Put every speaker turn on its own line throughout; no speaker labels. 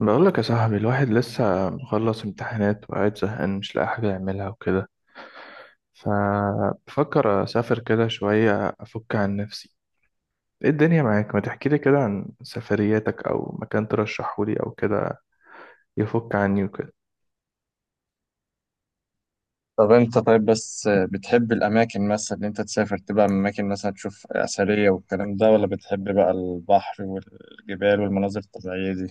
بقول لك يا صاحبي، الواحد لسه مخلص امتحانات وقاعد زهقان، مش لاقي حاجة يعملها وكده. فبفكر أسافر كده شوية أفك عن نفسي. إيه الدنيا معاك؟ ما تحكي لي كده عن سفرياتك أو مكان ترشحه لي أو كده يفك عني وكده.
طب انت طيب بس بتحب الاماكن مثلا اللي انت تسافر تبقى اماكن، مثلا تشوف اثريه والكلام ده، ولا بتحب بقى البحر والجبال والمناظر الطبيعيه دي؟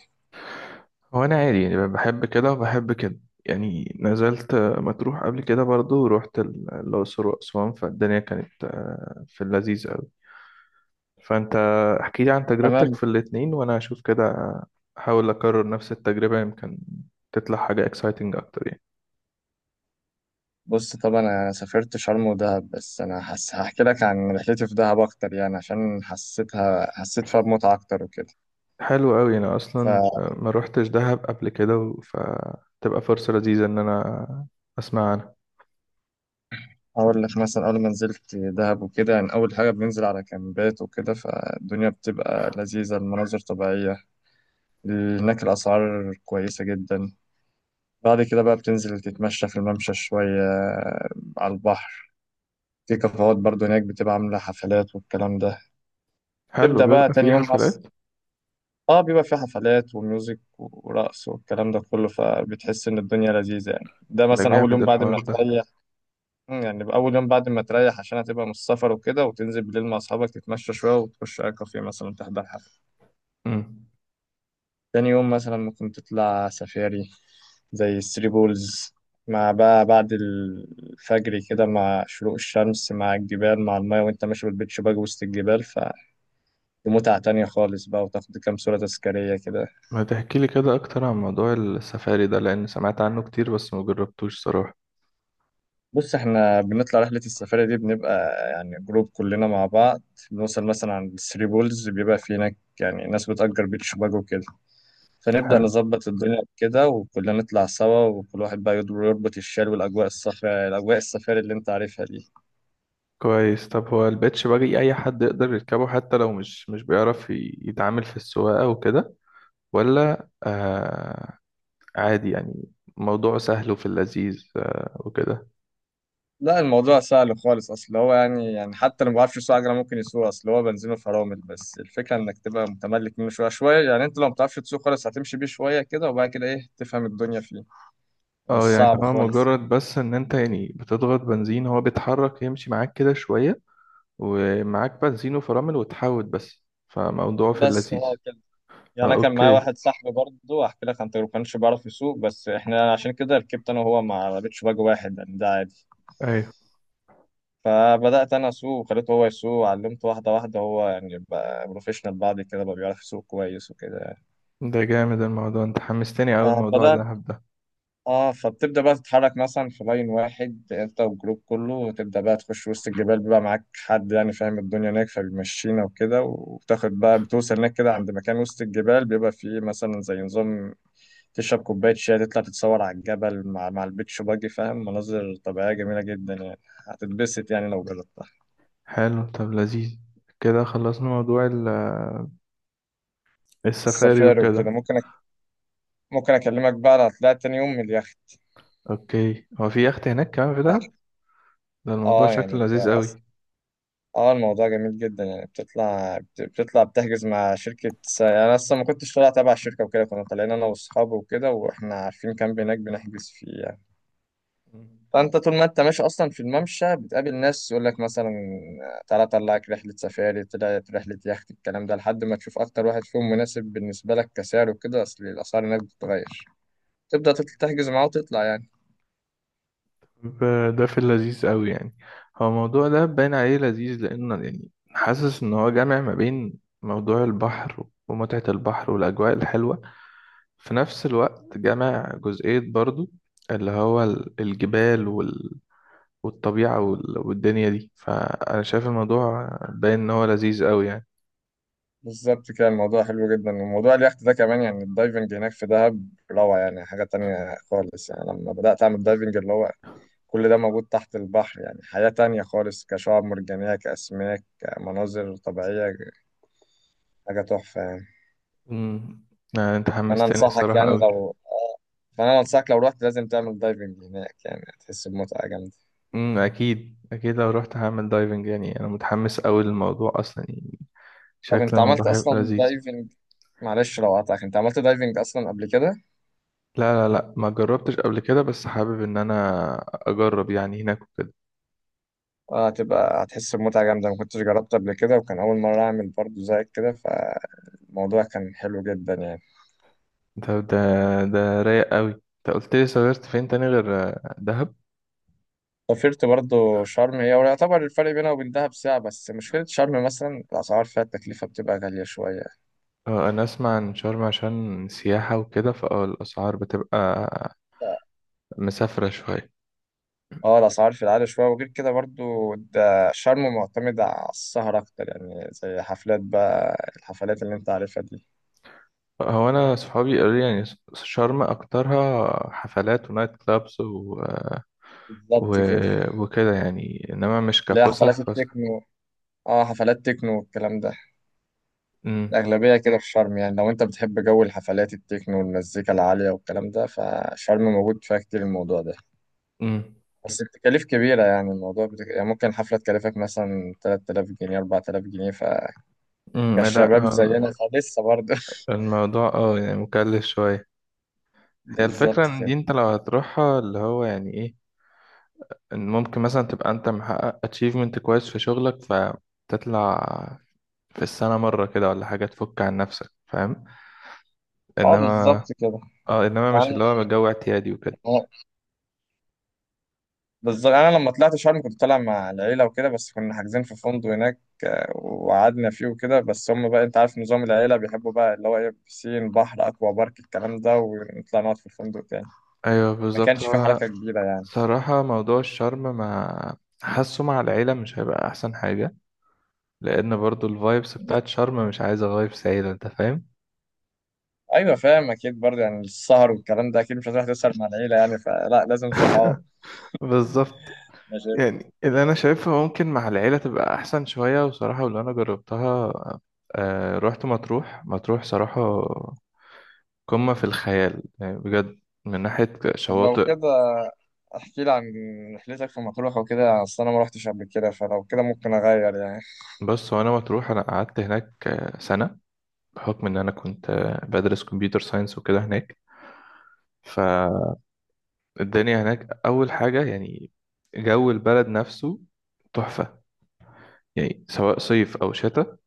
هو أنا عادي يعني، بحب كده وبحب كده. يعني نزلت مطروح قبل كده برضو، ورحت الأقصر وأسوان، فالدنيا كانت في اللذيذ. فانت احكي لي عن تجربتك
تمام.
في الاتنين وانا هشوف كده. احاول اكرر نفس التجربة يمكن تطلع حاجة اكسايتنج اكتر يعني.
بص، طب انا سافرت شرم ودهب بس هحكي لك عن رحلتي في دهب اكتر يعني، عشان حسيت فيها بمتعه اكتر وكده.
حلو قوي، انا اصلا ما روحتش دهب قبل كده فتبقى فرصة لذيذة ان انا اسمع عنها.
فاقول لك، مثلا اول ما نزلت دهب وكده، يعني اول حاجه بننزل على كامبات وكده، فالدنيا بتبقى لذيذه، المناظر طبيعيه. هناك الاسعار كويسه جدا. بعد كده بقى بتنزل تتمشى في الممشى شوية، على البحر. في كافيهات برضو هناك، بتبقى عاملة حفلات والكلام ده.
حلو،
تبدأ بقى
بيبقى
تاني
في
يوم أصلا.
حفلات.
اه، بيبقى في حفلات وميوزك ورقص والكلام ده كله، فبتحس إن الدنيا لذيذة يعني. ده
ده
مثلا أول
جامد
يوم بعد
الحوار
ما
ده.
تريح. يعني أول يوم بعد ما تريح، عشان هتبقى من السفر وكده، وتنزل بالليل مع أصحابك تتمشى شوية وتخش على كافيه مثلا تحضر حفلة.
امم
تاني يوم مثلا ممكن تطلع سفاري زي الثري بولز، مع بقى بعد الفجر كده، مع شروق الشمس مع الجبال مع المايه، وانت ماشي بالبيتش باج وسط الجبال. فمتعة تانية خالص بقى، وتاخد كام صورة تذكارية كده.
ما تحكي لي كده اكتر عن موضوع السفاري ده، لان سمعت عنه كتير بس ما جربتوش صراحة.
بص، احنا بنطلع رحلة السفاري دي بنبقى يعني جروب كلنا مع بعض. بنوصل مثلا عند الثري بولز، بيبقى في هناك يعني ناس بتأجر بيتش باج وكده. فنبدأ
حلو.
نظبط الدنيا كده، وكلنا نطلع سوا، وكل واحد بقى يربط الشال، والأجواء الصفراء، الأجواء السفاري اللي انت عارفها دي.
كويس. طب هو البيتش باجي اي حد يقدر يركبه حتى لو مش بيعرف يتعامل في السواقة وكده؟ ولا آه؟ عادي يعني، موضوع سهل وفي اللذيذ آه وكده.
لا، الموضوع سهل خالص، اصل هو يعني حتى لو ما بعرفش يسوق عجله ممكن يسوق، اصل هو بنزينه فرامل بس، الفكره انك تبقى متملك منه شويه شويه. يعني انت لو ما بتعرفش تسوق خالص، هتمشي بيه شويه كده، وبعد كده ايه تفهم الدنيا فيه. مش
اه، يعني
صعب
هو
خالص.
مجرد بس ان انت يعني بتضغط بنزين هو بيتحرك يمشي معاك كده شوية. ومعاك بنزين وفرامل وتحاوت بس، فموضوع في
بس
اللذيذ.
اه كده. يعني
اه،
انا كان معايا
اوكي.
واحد صاحبي برضه، احكي لك عن تجربته، ما كانش بيعرف يسوق، بس احنا عشان كده ركبت انا وهو مع بيتش باج واحد، يعني ده عادي.
ايوه.
فبدات انا اسوق وخليته هو يسوق، علمته واحده واحده، هو يعني بقى بروفيشنال بعد كده، بقى بيعرف يسوق كويس وكده يعني.
ده جامد الموضوع، انت حمستني اوي الموضوع ده،
بدأنا.
هبدأ.
اه، فبتبدأ بقى تتحرك مثلا في لاين واحد انت والجروب كله، وتبدأ بقى تخش وسط الجبال، بيبقى معاك حد يعني فاهم الدنيا هناك، فبيمشينا وكده. وبتاخد بقى بتوصل هناك كده عند مكان وسط الجبال، بيبقى فيه مثلا زي نظام تشرب كوباية شاي، تطلع تتصور على الجبل مع البيتش باجي، فاهم، مناظر طبيعية جميلة جدا يعني. هتتبسط يعني لو جربتها.
حلو طب، لذيذ كده. خلصنا موضوع السفاري
السفاري وكده.
وكده.
ممكن أكلمك بقى على طلعت تاني يوم من اليخت.
اوكي، هو في يخت هناك كمان في دهب؟ ده الموضوع
اه يعني
شكله
انت
لذيذ
اه الموضوع جميل جدا يعني. بتطلع بتحجز مع يعني أنا أصلا ما كنتش طالع تبع الشركة وكده، كنا طالعين أنا وأصحابي وكده، وإحنا عارفين كامب هناك بنحجز فيه يعني.
قوي.
فأنت طول ما أنت ماشي أصلا في الممشى، بتقابل ناس يقول لك مثلا، تعالى أطلعك رحلة سفاري، طلعت رحلة يخت، الكلام ده، لحد ما تشوف أكتر واحد فيهم مناسب بالنسبة لك كسعر وكده، أصل الأسعار هناك بتتغير. تبدأ تحجز معاه وتطلع يعني.
ده في اللذيذ قوي يعني. هو الموضوع ده باين عليه لذيذ، لأنه يعني حاسس إن هو جامع ما بين موضوع البحر ومتعة البحر والأجواء الحلوة، في نفس الوقت جامع جزئية برضو اللي هو الجبال والطبيعة والدنيا دي. فأنا شايف الموضوع باين إن هو لذيذ قوي يعني.
بالظبط كده، الموضوع حلو جدا. وموضوع اليخت ده كمان، يعني الدايفنج هناك في دهب روعة، يعني حاجة تانية خالص. يعني لما بدأت أعمل دايفنج، اللي هو كل ده موجود تحت البحر، يعني حياة تانية خالص، كشعاب مرجانية، كأسماك، كمناظر طبيعية. حاجة تحفة يعني.
امم يعني أنت
فأنا
حمستني
أنصحك
الصراحة
يعني
قوي.
لو آه، فأنا أنصحك لو رحت لازم تعمل دايفنج هناك، يعني هتحس بمتعة جامدة.
أكيد أكيد، لو رحت هعمل دايفنج، يعني أنا متحمس قوي للموضوع أصلا يعني.
طب
شكل
أنت عملت
الموضوع هيبقى
أصلا
لذيذ.
دايفنج؟ معلش لو قطعك، أنت عملت دايفنج أصلا قبل كده؟
لا لا لا، ما جربتش قبل كده، بس حابب ان انا اجرب يعني هناك وكده.
اه، هتحس بمتعة جامدة. ما كنتش جربت قبل كده، وكان أول مرة أعمل برضو زيك كده، فالموضوع كان حلو جدا يعني.
ده ده ده رايق قوي. انت قلت لي سافرت فين تاني غير دهب؟
سافرت برضو شرم هي، ويعتبر الفرق بينها وبين دهب ساعة بس، مشكلة شرم مثلا الأسعار فيها، التكلفة بتبقى غالية شوية.
انا اسمع عن شرم عشان سياحة وكده، فاه الاسعار بتبقى مسافرة شوية.
اه، الأسعار في العالي شوية، وغير كده برضو، ده شرم معتمد على السهر أكتر يعني، زي حفلات، بقى الحفلات اللي أنت عارفها دي.
هو انا صحابي قالوا لي يعني شرم اكترها حفلات ونايت كلابس و...
بالظبط كده.
وكده يعني، انما مش
اللي هي حفلات
كفسح فسح.
التكنو. اه، حفلات تكنو والكلام ده.
امم.
الأغلبية كده في شرم، يعني لو أنت بتحب جو الحفلات التكنو والمزيكا العالية والكلام ده، فشرم موجود فيها كتير الموضوع ده.
امم.
بس التكاليف كبيرة، يعني الموضوع يعني ممكن حفلة تكلفك مثلا 3000 جنيه، 4000 جنيه،
لا.
فكشباب زينا فلسه برضه.
الموضوع، يعني مكلف شوية. هي الفكرة
بالظبط
إن دي،
كده.
أنت لو هتروحها اللي هو يعني إيه، إن ممكن مثلا تبقى أنت محقق achievement كويس في شغلك فتطلع في السنة مرة كده ولا حاجة تفك عن نفسك، فاهم؟
اه
إنما
بالظبط كده
إنما مش
يعني.
اللي هو جو اعتيادي وكده.
بالظبط انا لما طلعت شرم كنت طالع مع العيله وكده، بس كنا حاجزين في فندق هناك، وقعدنا فيه وكده. بس هم بقى، انت عارف نظام العيله، بيحبوا بقى اللي هو ايه، بسين، بحر، اكوا بارك، الكلام ده، ونطلع نقعد في الفندق تاني.
أيوه
ما
بالظبط
كانش في
هو.
حركه كبيره يعني.
صراحة موضوع الشرم ما حاسه مع العيلة مش هيبقى أحسن حاجة، لأن برضو الفايبس بتاعت شرم مش عايزة فايبس عيلة، أنت فاهم؟
ايوه، فاهم، اكيد برضه يعني السهر والكلام ده اكيد مش هتروح تسهر مع العيله يعني، فلا لازم صحاب.
بالظبط.
أنا شايف.
يعني اللي انا شايفها ممكن مع العيله تبقى احسن شويه، وصراحه واللي انا جربتها، آه رحت مطروح. مطروح صراحه قمه في الخيال يعني بجد، من ناحيه
طب لو
شواطئ.
كده، احكي لي عن رحلتك في مطروح وكده، اصل انا ما رحتش قبل كده، فلو كده ممكن اغير يعني.
بص، وانا مطروح انا قعدت هناك سنه. بحكم ان انا كنت بدرس كمبيوتر ساينس وكده هناك. فالدنيا هناك، اول حاجه يعني جو البلد نفسه تحفه. يعني سواء صيف او شتاء،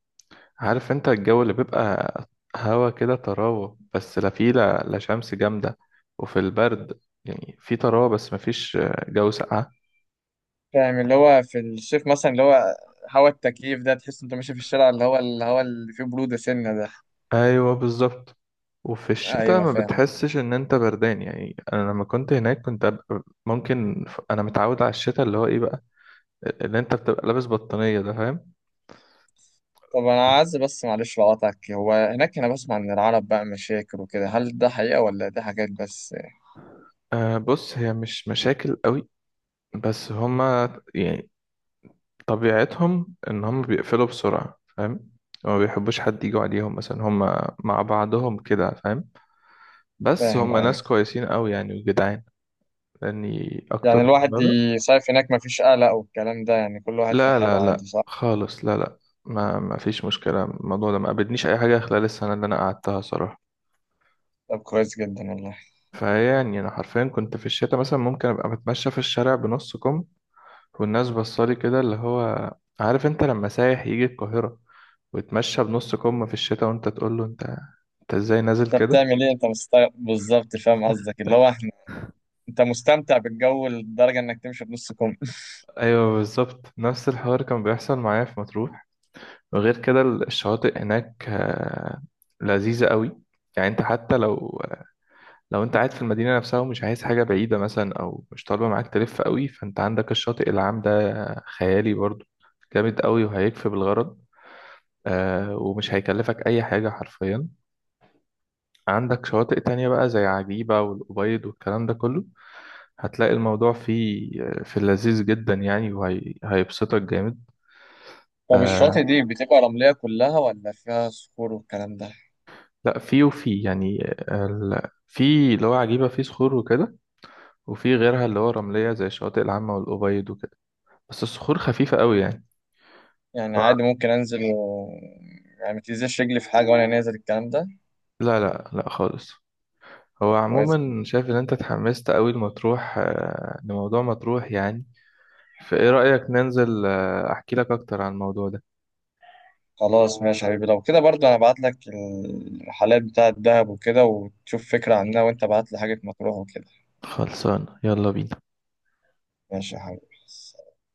عارف انت الجو اللي بيبقى هوا كده طراوة بس، لا فيه لا شمس جامدة وفي البرد. يعني في طراوة بس مفيش جو ساقعة.
فاهم، اللي هو في الصيف مثلا، اللي هو هوا التكييف ده، تحس انت ماشي في الشارع اللي فيه بروده سنه ده.
ايوه بالظبط. وفي الشتاء
ايوه
ما
فاهم.
بتحسش ان انت بردان. يعني انا لما كنت هناك كنت أبقى ممكن انا متعود على الشتاء اللي هو ايه بقى، اللي انت بتبقى لابس بطانية ده، فاهم؟
طب انا عايز بس، معلش لو قطعك، هو هناك انا بسمع ان العرب بقى مشاكل وكده، هل ده حقيقه ولا دي حاجات بس؟
أه، بص هي مش مشاكل قوي، بس هما يعني طبيعتهم ان هم بيقفلوا بسرعة، فاهم؟ هما ما بيحبوش حد يجوا عليهم مثلا، هم مع بعضهم كده، فاهم؟ بس
فاهم.
هم
ايوه.
ناس كويسين قوي يعني، وجدعان. لاني اكتر
يعني
من
الواحد
مرة.
يصيف هناك مفيش قلق والكلام ده، يعني كل واحد في
لا لا
حاله
لا
عادي، صح؟
خالص، لا لا. ما فيش مشكلة، الموضوع ده ما قابلنيش اي حاجة خلال السنة اللي انا قعدتها صراحة.
طب كويس جدا والله.
فيعني انا حرفيا كنت في الشتاء مثلا ممكن ابقى بتمشى في الشارع بنص كم، والناس بصالي كده اللي هو، عارف انت لما سايح يجي القاهرة وتمشى بنص كم في الشتاء، وانت تقول له انت، انت ازاي نازل
انت
كده؟
بتعمل ايه، انت مستمتع، بالظبط فاهم قصدك اللي هو احنا، انت مستمتع بالجو لدرجة انك تمشي بنص كم.
ايوه بالظبط، نفس الحوار كان بيحصل معايا في مطروح. وغير كده الشواطئ هناك لذيذة قوي يعني. انت حتى لو، لو انت قاعد في المدينة نفسها ومش عايز حاجة بعيدة مثلا، او مش طالبة معاك تلف قوي، فانت عندك الشاطئ العام ده، خيالي برضو، جامد قوي وهيكفي بالغرض، ومش هيكلفك اي حاجة حرفيا. عندك شواطئ تانية بقى زي عجيبة والأبيض والكلام ده كله، هتلاقي الموضوع فيه في اللذيذ جدا يعني، وهيبسطك جامد.
طب
آه،
الشواطئ دي بتبقى رملية كلها ولا فيها صخور والكلام ده؟
لا فيه وفيه يعني. في اللي هو عجيبة فيه صخور وكده، وفي غيرها اللي هو رملية زي الشواطئ العامة والأبيض وكده. بس الصخور خفيفة قوي يعني.
يعني عادي
هو-
ممكن انزل يعني ما تنزلش رجلي في حاجة وانا نازل الكلام ده.
لا لا لا خالص. هو
طب كويس جدا.
عموما شايف ان انت اتحمست قوي لمطروح لموضوع مطروح يعني. فايه رأيك ننزل احكي لك اكتر عن الموضوع ده؟
خلاص ماشي يا حبيبي، لو كده برضه انا ابعت لك الرحلات بتاعة دهب وكده وتشوف فكرة عنها، وانت ابعت لي حاجة مطروح وكده.
خلصان، يلا بينا.
ماشي يا حبيبي.